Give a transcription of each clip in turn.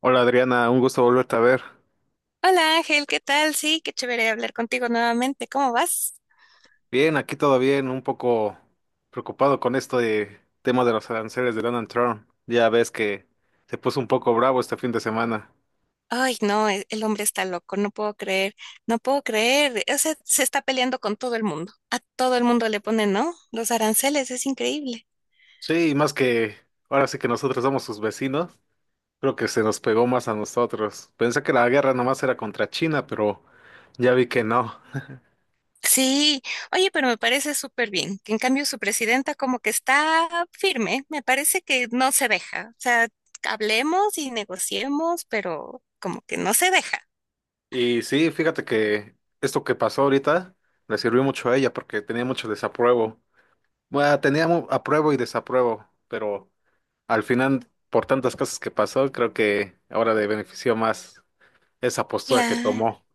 Hola Adriana, un gusto volverte a ver. Hola Ángel, ¿qué tal? Sí, qué chévere hablar contigo nuevamente. ¿Cómo vas? Bien, aquí todo bien, un poco preocupado con esto de tema de los aranceles de Donald Trump. Ya ves que se puso un poco bravo este fin de semana. Ay, no, el hombre está loco, no puedo creer, no puedo creer. O sea, se está peleando con todo el mundo. A todo el mundo le ponen, ¿no? Los aranceles, es increíble. Sí, y más que ahora sí que nosotros somos sus vecinos, creo que se nos pegó más a nosotros. Pensé que la guerra nomás era contra China, pero ya vi que no. Sí, oye, pero me parece súper bien, que en cambio su presidenta como que está firme, me parece que no se deja. O sea, hablemos y negociemos, pero como que no se deja. Y sí, fíjate que esto que pasó ahorita le sirvió mucho a ella porque tenía mucho desapruebo. Bueno, tenía apruebo y desapruebo, pero al final, por tantas cosas que pasó, creo que ahora le benefició más esa postura que Claro. tomó.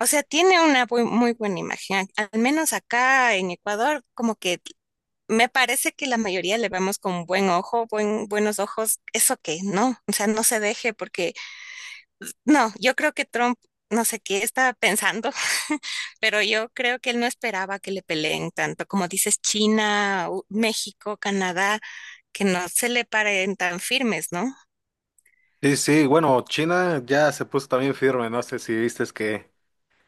O sea, tiene una muy buena imagen. Al menos acá en Ecuador, como que me parece que la mayoría le vemos con buen ojo, buenos ojos. Eso que no, o sea, no se deje porque no, yo creo que Trump, no sé qué estaba pensando, pero yo creo que él no esperaba que le peleen tanto, como dices, China, México, Canadá, que no se le paren tan firmes, ¿no? Sí, bueno, China ya se puso también firme, no sé si viste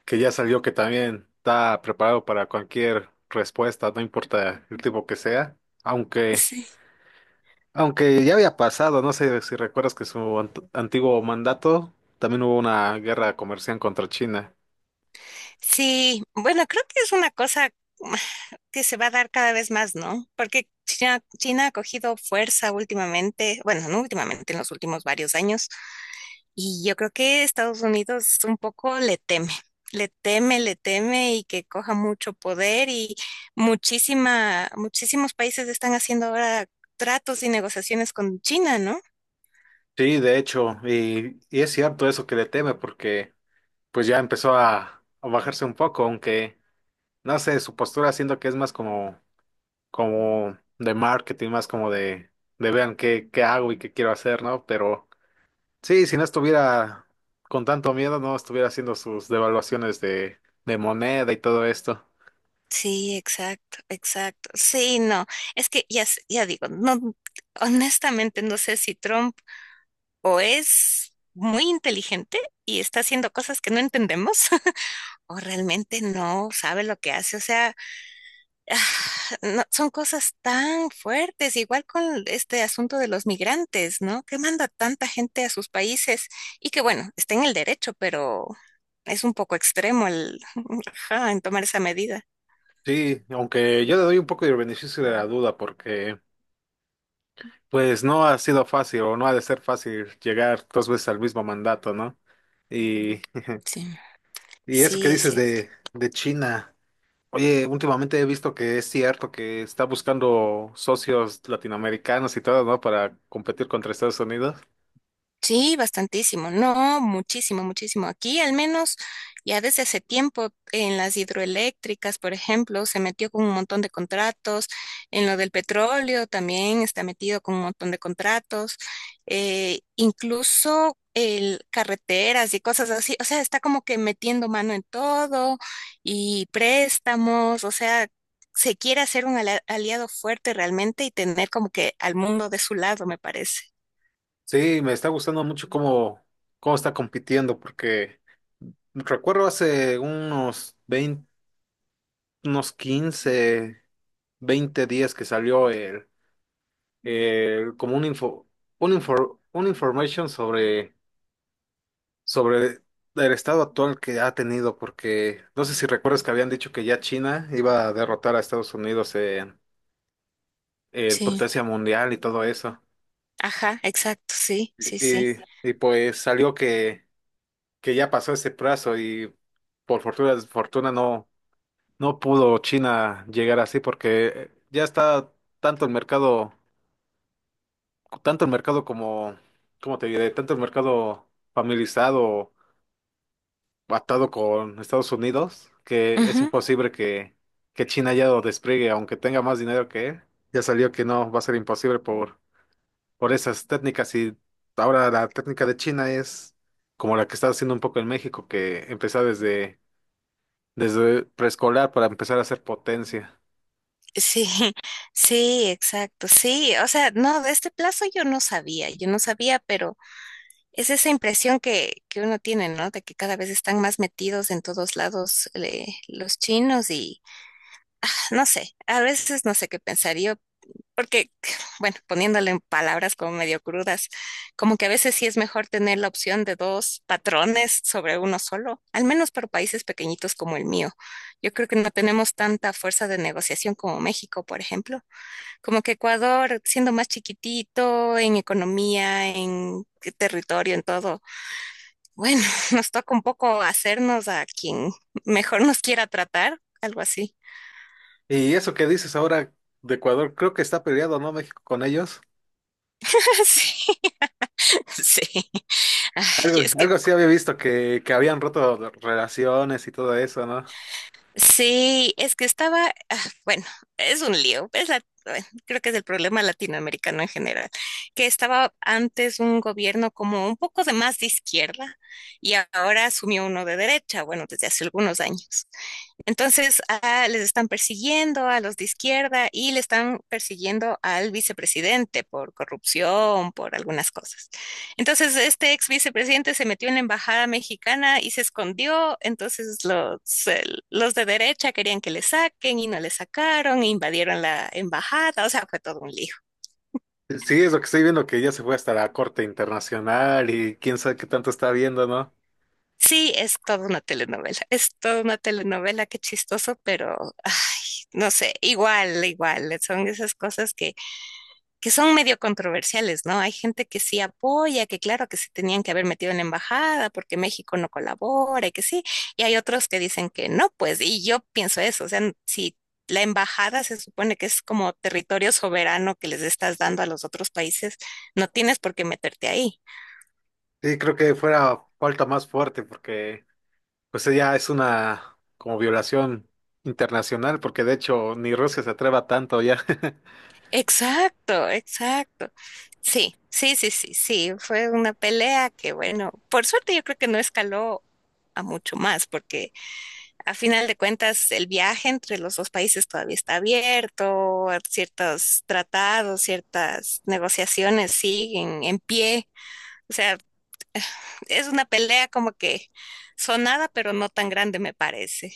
que ya salió que también está preparado para cualquier respuesta, no importa el tipo que sea, aunque, Sí. aunque ya había pasado, no sé si recuerdas que su antiguo mandato también hubo una guerra comercial contra China. Sí, bueno, creo que es una cosa que se va a dar cada vez más, ¿no? Porque China ha cogido fuerza últimamente, bueno, no últimamente, en los últimos varios años, y yo creo que Estados Unidos un poco le teme, le teme, le teme y que coja mucho poder y muchísimos países están haciendo ahora tratos y negociaciones con China, ¿no? Sí, de hecho, y es cierto eso que le teme porque pues ya empezó a bajarse un poco, aunque no sé, su postura siento que es más como, como de marketing, más como de vean qué, qué hago y qué quiero hacer, ¿no? Pero sí, si no estuviera con tanto miedo, no estuviera haciendo sus devaluaciones de moneda y todo esto. Sí, exacto, exacto. Sí, no, es que ya, ya digo, no, honestamente no sé si Trump o es muy inteligente y está haciendo cosas que no entendemos, o realmente no sabe lo que hace. O sea, ah, son cosas tan fuertes, igual con este asunto de los migrantes, ¿no? Que manda tanta gente a sus países y que bueno, está en el derecho, pero es un poco extremo el, ajá, en tomar esa medida. Sí, aunque yo le doy un poco de beneficio de la duda porque pues no ha sido fácil o no ha de ser fácil llegar dos veces al mismo mandato, ¿no? Y Sí, y eso que sí, es dices cierto. de China. Oye, últimamente he visto que es cierto que está buscando socios latinoamericanos y todo, ¿no? Para competir contra Estados Unidos. Sí, bastantísimo, no, muchísimo, muchísimo. Aquí al menos ya desde hace tiempo en las hidroeléctricas, por ejemplo, se metió con un montón de contratos, en lo del petróleo también está metido con un montón de contratos, incluso el carreteras y cosas así, o sea, está como que metiendo mano en todo y préstamos, o sea, se quiere hacer un aliado fuerte realmente y tener como que al mundo de su lado, me parece. Sí, me está gustando mucho cómo, cómo está compitiendo, porque recuerdo hace unos 20, unos 15, 20 días que salió el, como un info, una information sobre, sobre el estado actual que ha tenido, porque no sé si recuerdas que habían dicho que ya China iba a derrotar a Estados Unidos en el Sí. potencia mundial y todo eso. Ajá, exacto, sí, sí, sí. Y, y pues salió que ya pasó ese plazo y por fortuna, desfortuna no, no pudo China llegar así porque ya está tanto el mercado, tanto el mercado como, ¿cómo te diré? Tanto el mercado familiarizado, atado con Estados Unidos, que es Ujú. imposible que China ya lo despliegue, aunque tenga más dinero que él. Ya salió que no, va a ser imposible por esas técnicas y ahora la técnica de China es como la que está haciendo un poco en México, que empezó desde, desde preescolar para empezar a hacer potencia. Sí, sí, exacto, sí. O sea, no, de este plazo yo no sabía, pero es esa impresión que uno tiene, ¿no? De que cada vez están más metidos en todos lados los chinos y, ah, no sé, a veces no sé qué pensaría porque, bueno, poniéndole en palabras como medio crudas, como que a veces sí es mejor tener la opción de dos patrones sobre uno solo, al menos para países pequeñitos como el mío. Yo creo que no tenemos tanta fuerza de negociación como México, por ejemplo. Como que Ecuador, siendo más chiquitito en economía, en territorio, en todo, bueno, nos toca un poco hacernos a quien mejor nos quiera tratar, algo así. Y eso que dices ahora de Ecuador, creo que está peleado, ¿no? México con ellos. Sí, sí. Ay, Algo, es que algo sí había visto que habían roto relaciones y todo eso, ¿no? sí, es que estaba, ah, bueno, es un lío, es bueno, creo que es el problema latinoamericano en general, que estaba antes un gobierno como un poco de más de izquierda y ahora asumió uno de derecha, bueno, desde hace algunos años. Entonces, les están persiguiendo a los de izquierda y le están persiguiendo al vicepresidente por corrupción, por algunas cosas. Entonces, este ex vicepresidente se metió en la embajada mexicana y se escondió. Entonces, eh, los de derecha querían que le saquen y no le sacaron, invadieron la embajada. O sea, fue todo un lío. Sí, es lo que estoy viendo, que ya se fue hasta la Corte Internacional y quién sabe qué tanto está viendo, ¿no? Sí, es toda una telenovela, es toda una telenovela, qué chistoso, pero ay, no sé, igual, igual, son esas cosas que, son medio controversiales, ¿no? Hay gente que sí apoya, que claro que se tenían que haber metido en la embajada porque México no colabora y que sí, y hay otros que dicen que no, pues, y yo pienso eso, o sea, si la embajada se supone que es como territorio soberano que les estás dando a los otros países, no tienes por qué meterte ahí. Sí, creo que fuera falta más fuerte porque pues ya es una como violación internacional, porque de hecho ni Rusia se atreva tanto ya. Exacto, exacto. Sí, sí, sí, sí, sí. Fue una pelea que, bueno, por suerte yo creo que no escaló a mucho más, porque a final de cuentas el viaje entre los dos países todavía está abierto, ciertos tratados, ciertas negociaciones siguen en pie. O sea, es una pelea como que sonada, pero no tan grande, me parece.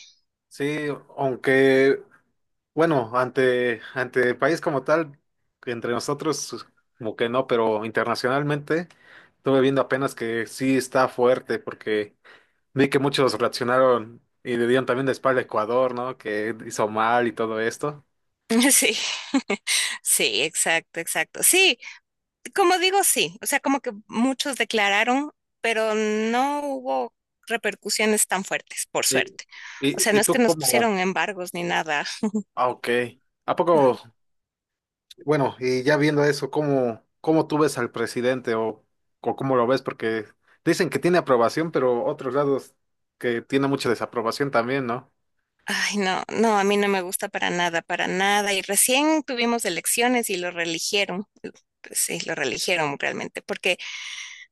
Sí, aunque, bueno, ante, ante el país como tal, que entre nosotros como que no, pero internacionalmente estuve viendo apenas que sí está fuerte, porque vi que muchos reaccionaron y le dieron también de espalda a Ecuador, ¿no? Que hizo mal y todo esto. Sí, sí, exacto, exacto. Sí, como digo, sí. O sea, como que muchos declararon, pero no hubo repercusiones tan fuertes, por Y, suerte. O sea, y, no y es que tú nos como, pusieron embargos ni nada. ah, ok. ¿A poco? Bueno, y ya viendo eso, ¿cómo, cómo tú ves al presidente o cómo lo ves? Porque dicen que tiene aprobación, pero otros lados que tiene mucha desaprobación también, ¿no? Ay, no, no, a mí no me gusta para nada, para nada. Y recién tuvimos elecciones y lo reeligieron. Sí, lo reeligieron realmente, porque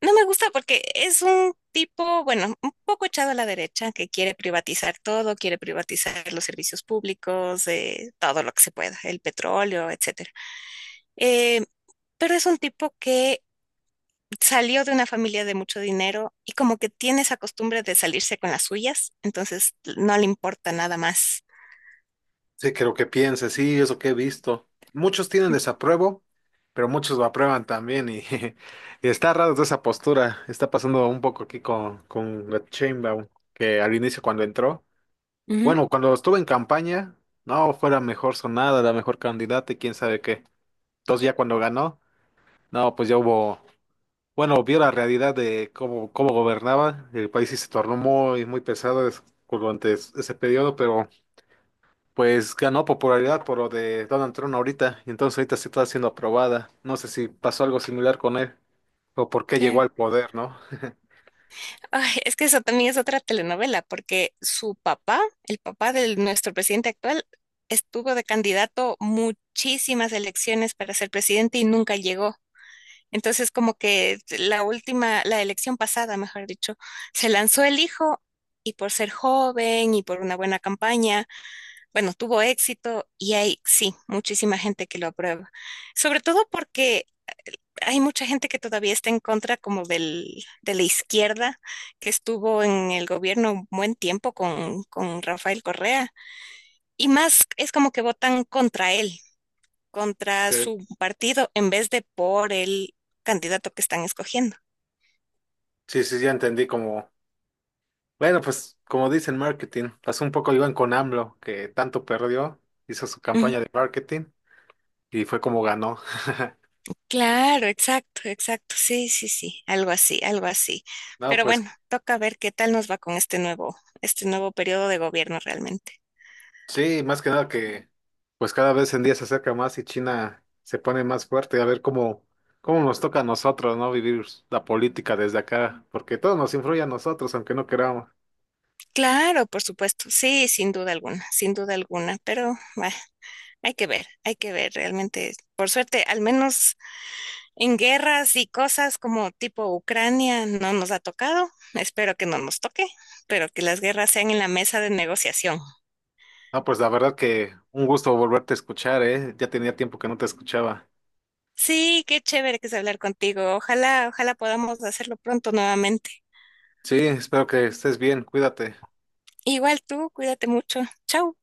no me gusta, porque es un tipo, bueno, un poco echado a la derecha, que quiere privatizar todo, quiere privatizar los servicios públicos, todo lo que se pueda, el petróleo, etcétera. Eh, pero es un tipo que salió de una familia de mucho dinero y como que tiene esa costumbre de salirse con las suyas, entonces no le importa nada más. Sí, creo que piense, sí, eso que he visto. Muchos tienen desapruebo, pero muchos lo aprueban también y y está raro toda esa postura. Está pasando un poco aquí con Sheinbaum, que al inicio cuando entró, Ujú. bueno, cuando estuvo en campaña, no, fue la mejor sonada, la mejor candidata y quién sabe qué. Entonces ya cuando ganó, no, pues ya hubo, bueno, vio la realidad de cómo, cómo gobernaba el país y se tornó muy, muy pesado durante ese periodo, pero pues ganó popularidad por lo de Donald Trump ahorita. Y entonces ahorita sí está siendo aprobada. No sé si pasó algo similar con él o por qué llegó Claro. al poder, ¿no? Ay, es que eso también es otra telenovela, porque su papá, el papá de nuestro presidente actual, estuvo de candidato muchísimas elecciones para ser presidente y nunca llegó. Entonces, como que la elección pasada, mejor dicho, se lanzó el hijo y por ser joven y por una buena campaña, bueno, tuvo éxito y hay, sí, muchísima gente que lo aprueba. Sobre todo porque hay mucha gente que todavía está en contra como de la izquierda que estuvo en el gobierno un buen tiempo con Rafael Correa. Y más es como que votan contra él, contra Eh, su partido, en vez de por el candidato que están escogiendo. sí, sí, ya entendí como, bueno, pues como dicen marketing, pasó un poco igual con AMLO, que tanto perdió, hizo su Ujú. campaña de marketing y fue como ganó. Claro, exacto, exacto. Sí, sí, sí, algo así, algo así. No, Pero pues bueno, toca ver qué tal nos va con este nuevo periodo de gobierno realmente. sí, más que nada que pues cada vez en día se acerca más y China se pone más fuerte, a ver cómo, cómo nos toca a nosotros, ¿no? Vivir la política desde acá, porque todo nos influye a nosotros, aunque no queramos. Claro, por supuesto, sí, sin duda alguna, sin duda alguna, pero bah, hay que ver realmente. Por suerte, al menos en guerras y cosas como tipo Ucrania no nos ha tocado, espero que no nos toque, pero que las guerras sean en la mesa de negociación. No, pues la verdad que un gusto volverte a escuchar, ¿eh? Ya tenía tiempo que no te escuchaba. Sí, qué chévere que es hablar contigo, ojalá, ojalá podamos hacerlo pronto nuevamente. Sí, espero que estés bien, cuídate. Igual tú, cuídate mucho, chao.